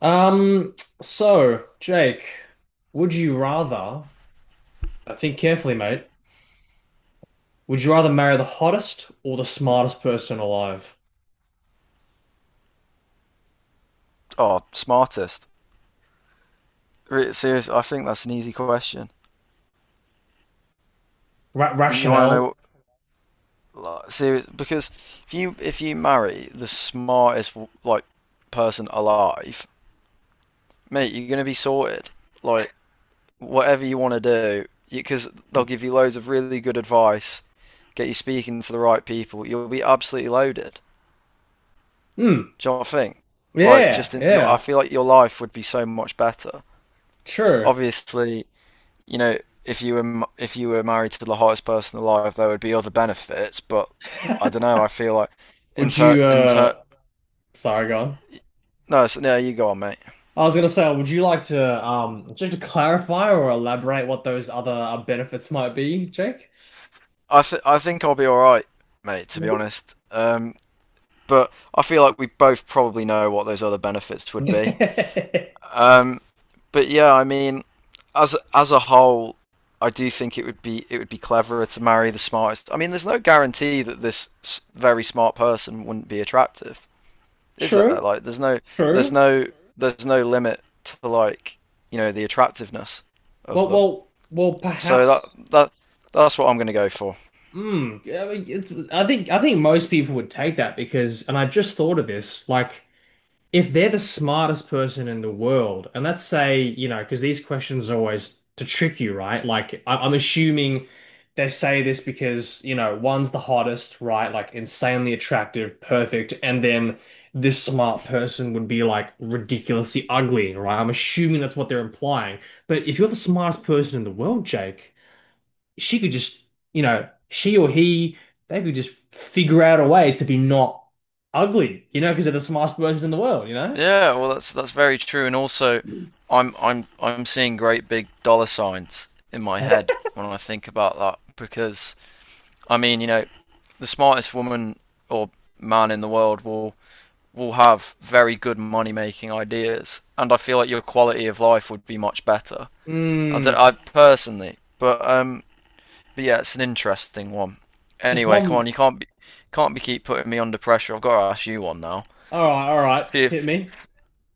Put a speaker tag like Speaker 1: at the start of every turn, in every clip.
Speaker 1: Um, so, Jake, would you rather, I think carefully, mate, would you rather marry the hottest or the smartest person alive?
Speaker 2: Oh, smartest. Seriously, I think that's an easy question.
Speaker 1: Ra
Speaker 2: You want to
Speaker 1: rationale?
Speaker 2: know, like, serious, because if you marry the smartest like person alive, mate, you're gonna be sorted. Like whatever you want to do, because they'll give you loads of really good advice, get you speaking to the right people. You'll be absolutely loaded.
Speaker 1: Hmm.
Speaker 2: Do you know what I think? Like,
Speaker 1: Yeah,
Speaker 2: just in your, I
Speaker 1: yeah,
Speaker 2: feel like your life would be so much better.
Speaker 1: true.
Speaker 2: Obviously, you know, if you were if you were married to the hottest person alive, there would be other benefits. But I don't know. I feel like
Speaker 1: Would
Speaker 2: inter
Speaker 1: you,
Speaker 2: inter.
Speaker 1: uh, sorry, go on.
Speaker 2: No, so no, you go on, mate.
Speaker 1: I was gonna say, would you like to, just to clarify or elaborate what those other benefits might be, Jake?
Speaker 2: I think I'll be all right, mate. To be honest, but I feel like we both probably know what those other benefits would be. Um, but yeah, I mean, as a whole, I do think it would be cleverer to marry the smartest. I mean, there's no guarantee that this very smart person wouldn't be attractive. Is
Speaker 1: True,
Speaker 2: there? Like, there's
Speaker 1: true.
Speaker 2: no, there's no limit to, like, you know, the attractiveness of
Speaker 1: Well,
Speaker 2: them.
Speaker 1: well, well,
Speaker 2: So
Speaker 1: perhaps.
Speaker 2: that that's what I'm going to go for.
Speaker 1: Mm, I mean, it's, I think most people would take that because, and I just thought of this, like if they're the smartest person in the world, and let's say, you know, because these questions are always to trick you, right? Like I'm assuming they say this because, you know, one's the hottest, right? Like insanely attractive, perfect, and then this smart person would be like ridiculously ugly, right? I'm assuming that's what they're implying. But if you're the smartest person in the world, Jake, she could just, you know, she or he, they could just figure out a way to be not ugly, you know, because they're the smartest person in the world, you know?
Speaker 2: Yeah, well, that's very true, and also, I'm seeing great big dollar signs in my head when I think about that because I mean, you know, the smartest woman or man in the world will have very good money making ideas, and I feel like your quality of life would be much better. I, don't,
Speaker 1: Mm,
Speaker 2: I personally, but yeah, it's an interesting one.
Speaker 1: just
Speaker 2: Anyway, come
Speaker 1: one.
Speaker 2: on, you can't be keep putting me under pressure. I've got to ask you one now.
Speaker 1: All right, hit
Speaker 2: If
Speaker 1: me.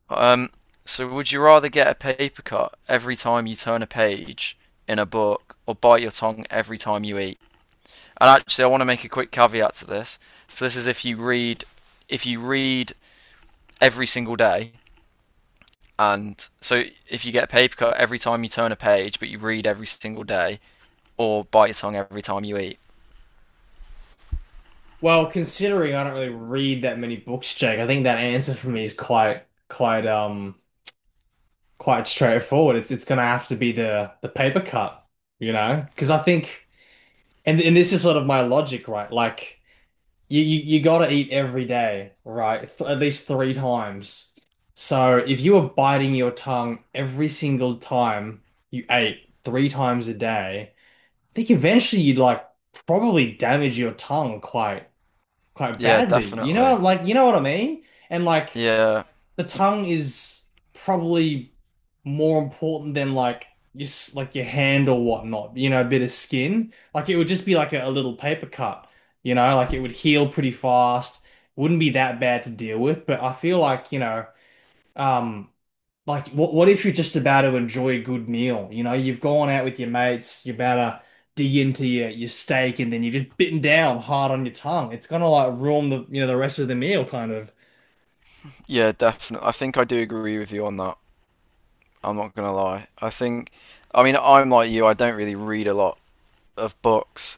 Speaker 2: um, so would you rather get a paper cut every time you turn a page in a book, or bite your tongue every time you eat? And actually, I want to make a quick caveat to this. So this is if you read every single day, and so if you get a paper cut every time you turn a page, but you read every single day, or bite your tongue every time you eat.
Speaker 1: Well, considering I don't really read that many books, Jake, I think that answer for me is quite, quite, quite straightforward. It's gonna have to be the paper cut, you know, because I think, and this is sort of my logic, right? Like. You gotta eat every day, right? Th at least three times. So if you were biting your tongue every single time you ate three times a day, I think eventually you'd like probably damage your tongue quite
Speaker 2: Yeah,
Speaker 1: badly. You know,
Speaker 2: definitely.
Speaker 1: like you know what I mean? And like
Speaker 2: Yeah.
Speaker 1: the tongue is probably more important than like your s- like your hand or whatnot. You know, a bit of skin. Like it would just be like a little paper cut. You know, like it would heal pretty fast. Wouldn't be that bad to deal with. But I feel like you know, um, like what if you're just about to enjoy a good meal? You know, you've gone out with your mates. You're about to dig into your steak, and then you're just bitten down hard on your tongue. It's gonna like ruin the you know the rest of the meal, kind of.
Speaker 2: Yeah, definitely. I think I do agree with you on that. I'm not gonna lie. I think, I mean, I'm like you. I don't really read a lot of books,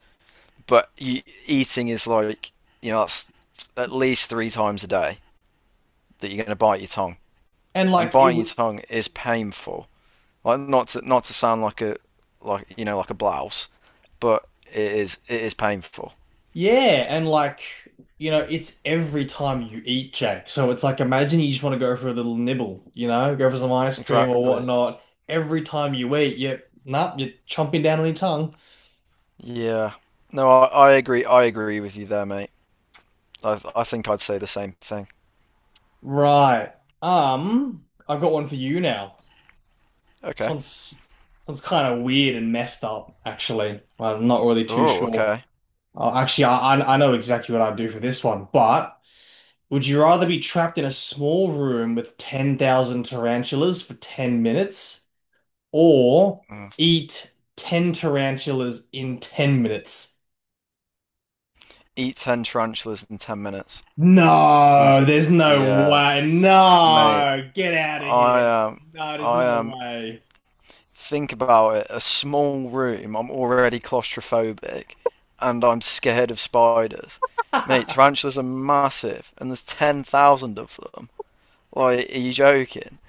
Speaker 2: but you, eating is like, you know, that's at least three times a day that you're gonna bite your tongue,
Speaker 1: And
Speaker 2: and
Speaker 1: like it
Speaker 2: biting your
Speaker 1: would.
Speaker 2: tongue is painful. Like not to sound like a like, you know, like a blouse, but it is painful.
Speaker 1: Yeah, and like, you know, it's every time you eat, Jack. So it's like imagine you just want to go for a little nibble, you know, go for some ice cream or
Speaker 2: Exactly.
Speaker 1: whatnot. Every time you eat, you're nah, you're chomping down on your tongue.
Speaker 2: Yeah. No, I agree. I agree with you there, mate. I think I'd say the same thing.
Speaker 1: Right. I've got one for you now. This
Speaker 2: Okay.
Speaker 1: one's this one's kind of weird and messed up, actually. I'm not really too
Speaker 2: Oh,
Speaker 1: sure.
Speaker 2: okay.
Speaker 1: Actually, I know exactly what I'd do for this one, but would you rather be trapped in a small room with 10,000 tarantulas for 10 minutes, or
Speaker 2: Mm.
Speaker 1: eat 10 tarantulas in 10 minutes?
Speaker 2: Eat 10 tarantulas in 10 minutes.
Speaker 1: No,
Speaker 2: He's,
Speaker 1: there's no
Speaker 2: yeah,
Speaker 1: way.
Speaker 2: mate,
Speaker 1: No, get out of
Speaker 2: I
Speaker 1: here.
Speaker 2: am,
Speaker 1: No, there's
Speaker 2: I
Speaker 1: no
Speaker 2: am,
Speaker 1: way.
Speaker 2: think about it, a small room, I'm already claustrophobic, and I'm scared of spiders. Mate, tarantulas are massive, and there's 10,000 of them. Like, are you joking?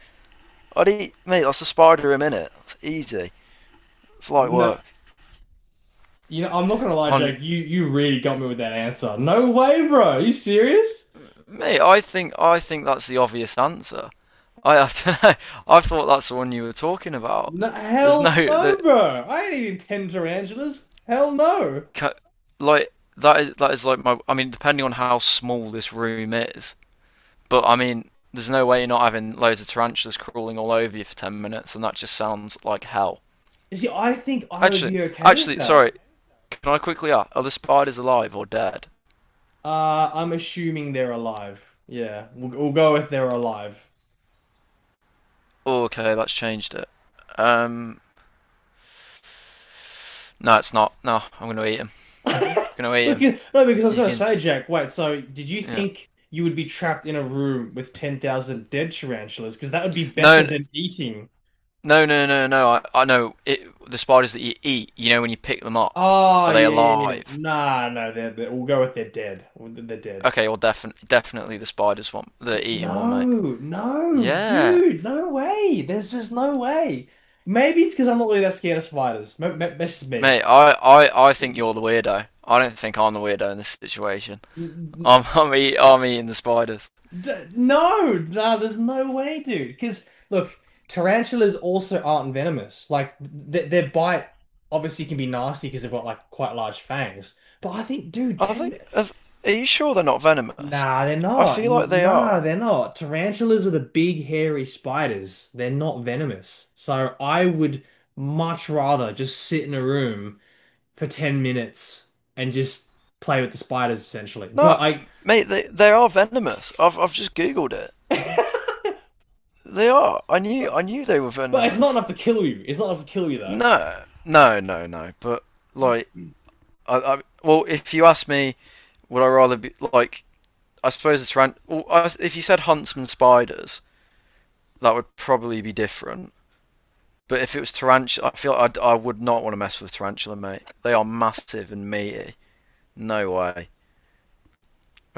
Speaker 2: I'd eat, mate, that's a spider a minute. It's easy. It's light
Speaker 1: No,
Speaker 2: work.
Speaker 1: you know, I'm not gonna lie,
Speaker 2: Hun-
Speaker 1: Jake. You really got me with that answer. No way, bro. Are you serious?
Speaker 2: Mate, I think that's the obvious answer. I dunno, I thought that's the one you were talking about.
Speaker 1: No,
Speaker 2: There's no
Speaker 1: hell no,
Speaker 2: that
Speaker 1: bro. I ain't eating 10 tarantulas. Hell no.
Speaker 2: ca- Like that is like my, I mean, depending on how small this room is, but I mean there's no way you're not having loads of tarantulas crawling all over you for 10 minutes and that just sounds like hell.
Speaker 1: You see, I think I would
Speaker 2: Actually,
Speaker 1: be okay with
Speaker 2: actually
Speaker 1: that.
Speaker 2: sorry, can I quickly ask, are the spiders alive or dead?
Speaker 1: I'm assuming they're alive. Yeah, we'll go with they're alive.
Speaker 2: Oh, okay, that's changed it. Um no, it's not. No, I'm going to eat him. I'm going to eat
Speaker 1: We
Speaker 2: him.
Speaker 1: can, no, because I was
Speaker 2: You
Speaker 1: going to
Speaker 2: can,
Speaker 1: say, Jack, wait, so did you
Speaker 2: yeah.
Speaker 1: think you would be trapped in a room with 10,000 dead tarantulas? Because that would be
Speaker 2: No,
Speaker 1: better
Speaker 2: n-
Speaker 1: than eating.
Speaker 2: No, no, no, no, no. I know it, the spiders that you eat, you know, when you pick them up,
Speaker 1: Oh,
Speaker 2: are they
Speaker 1: yeah, yeah, yeah.
Speaker 2: alive?
Speaker 1: Nah, no, we'll go with they're dead. They're dead.
Speaker 2: Okay, well, definitely the spiders one,
Speaker 1: D
Speaker 2: the eating one, mate.
Speaker 1: no, no,
Speaker 2: Yeah,
Speaker 1: dude, no way. There's just no way. Maybe it's because I'm not really that scared of spiders. Maybe, maybe that's just me.
Speaker 2: mate. I think
Speaker 1: N-
Speaker 2: you're the weirdo. I don't think I'm the weirdo in this situation.
Speaker 1: n-
Speaker 2: I'm, I'm, eat, I'm eating the spiders.
Speaker 1: D no, no, there's no way, dude. Because look, tarantulas also aren't venomous. Like th their bite obviously can be nasty because they've got like quite large fangs. But I think, dude,
Speaker 2: Are
Speaker 1: ten.
Speaker 2: they?
Speaker 1: Mi-
Speaker 2: Are, are you sure they're not venomous?
Speaker 1: Nah, they're
Speaker 2: I
Speaker 1: not.
Speaker 2: feel like
Speaker 1: N-
Speaker 2: they are.
Speaker 1: Nah, they're not. Tarantulas are the big hairy spiders. They're not venomous. So I would much rather just sit in a room for 10 minutes and just play with the spiders essentially. But
Speaker 2: No,
Speaker 1: I.
Speaker 2: mate, they are venomous. I've just googled it. They are. I knew
Speaker 1: But
Speaker 2: I knew they were
Speaker 1: it's not
Speaker 2: venomous.
Speaker 1: enough to kill you. It's not enough to kill you though.
Speaker 2: No, no, no, no. But like, I well, if you ask me, would I rather be like? I suppose it's ran. Well, I, if you said huntsman spiders, that would probably be different. But if it was tarantula, I feel like I would not want to mess with tarantula, mate. They are massive and meaty. No way,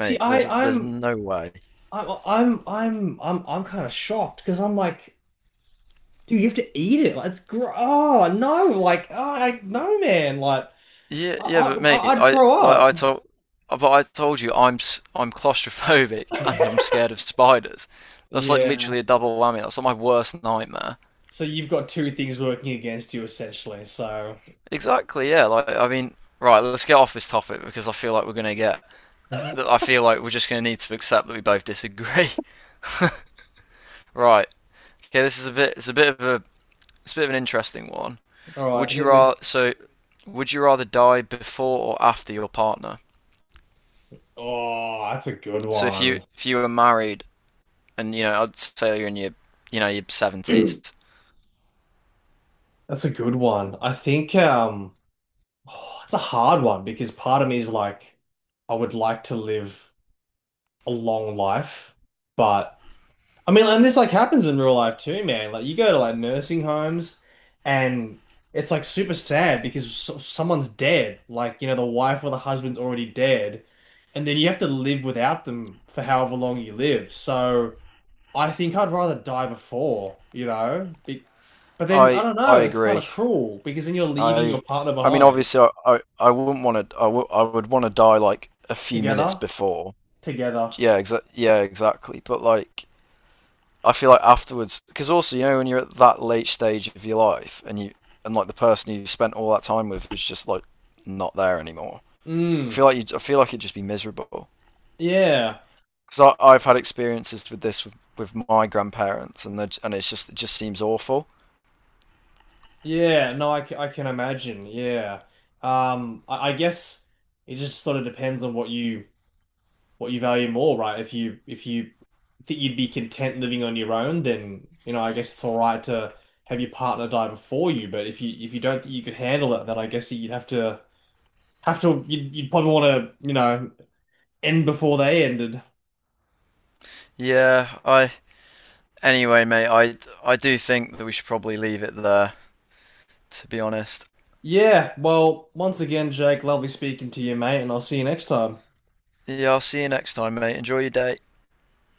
Speaker 1: See, I,
Speaker 2: There's no way.
Speaker 1: I'm kind of shocked because I'm like, dude, you have to eat it. Like, it's gr oh no, like, oh, I no, man, like,
Speaker 2: Yeah, yeah, but mate,
Speaker 1: I'd
Speaker 2: I
Speaker 1: throw
Speaker 2: like I
Speaker 1: up.
Speaker 2: told, but I told you I'm claustrophobic and I'm scared of spiders. That's like
Speaker 1: Yeah.
Speaker 2: literally a double whammy. That's like my worst nightmare.
Speaker 1: So you've got two things working against you essentially. So,
Speaker 2: Exactly, yeah. Like, I mean, right, let's get off this topic because I feel like we're going to get.
Speaker 1: all
Speaker 2: I feel like we're just going to need to accept that we both disagree. Right. Okay, this is a bit. It's a bit of a. It's a bit of an interesting one.
Speaker 1: right,
Speaker 2: Would you
Speaker 1: hit
Speaker 2: rather?
Speaker 1: me.
Speaker 2: So, would you rather die before or after your partner?
Speaker 1: Oh, that's a good
Speaker 2: So, if you
Speaker 1: one.
Speaker 2: if you were married, and you know, I'd say you're in your, you know, your seventies.
Speaker 1: That's a good one. I think oh, it's a hard one because part of me is like, I would like to live a long life, but. I mean, and this like happens in real life too, man. Like you go to like nursing homes and it's like super sad because so someone's dead. Like, you know, the wife or the husband's already dead. And then you have to live without them for however long you live. So I think I'd rather die before, you know? Be but then I don't
Speaker 2: I
Speaker 1: know, it's kind of
Speaker 2: agree.
Speaker 1: cruel because then you're leaving
Speaker 2: I
Speaker 1: your partner
Speaker 2: I mean,
Speaker 1: behind.
Speaker 2: obviously, I wouldn't want to. I would want to die like a few minutes
Speaker 1: Together?
Speaker 2: before.
Speaker 1: Together.
Speaker 2: Yeah, exactly. But like, I feel like afterwards, because also you know when you're at that late stage of your life, and you and like the person you spent all that time with is just like not there anymore. I
Speaker 1: Mm.
Speaker 2: feel like you. I feel like it'd just be miserable.
Speaker 1: Yeah.
Speaker 2: Because I've had experiences with this with my grandparents, and and it's just it just seems awful.
Speaker 1: Yeah, no, I, c- I can imagine. Yeah. I guess it just sort of depends on what you value more, right? If you think you'd be content living on your own, then you know, I guess it's all right to have your partner die before you. But if you don't think you could handle it, then I guess you'd have to you'd probably want to, you know, end before they ended.
Speaker 2: Yeah, I. Anyway, mate, I do think that we should probably leave it there. To be honest.
Speaker 1: Yeah, well, once again, Jake, lovely speaking to you, mate, and I'll see you next time.
Speaker 2: Yeah, I'll see you next time, mate. Enjoy your day.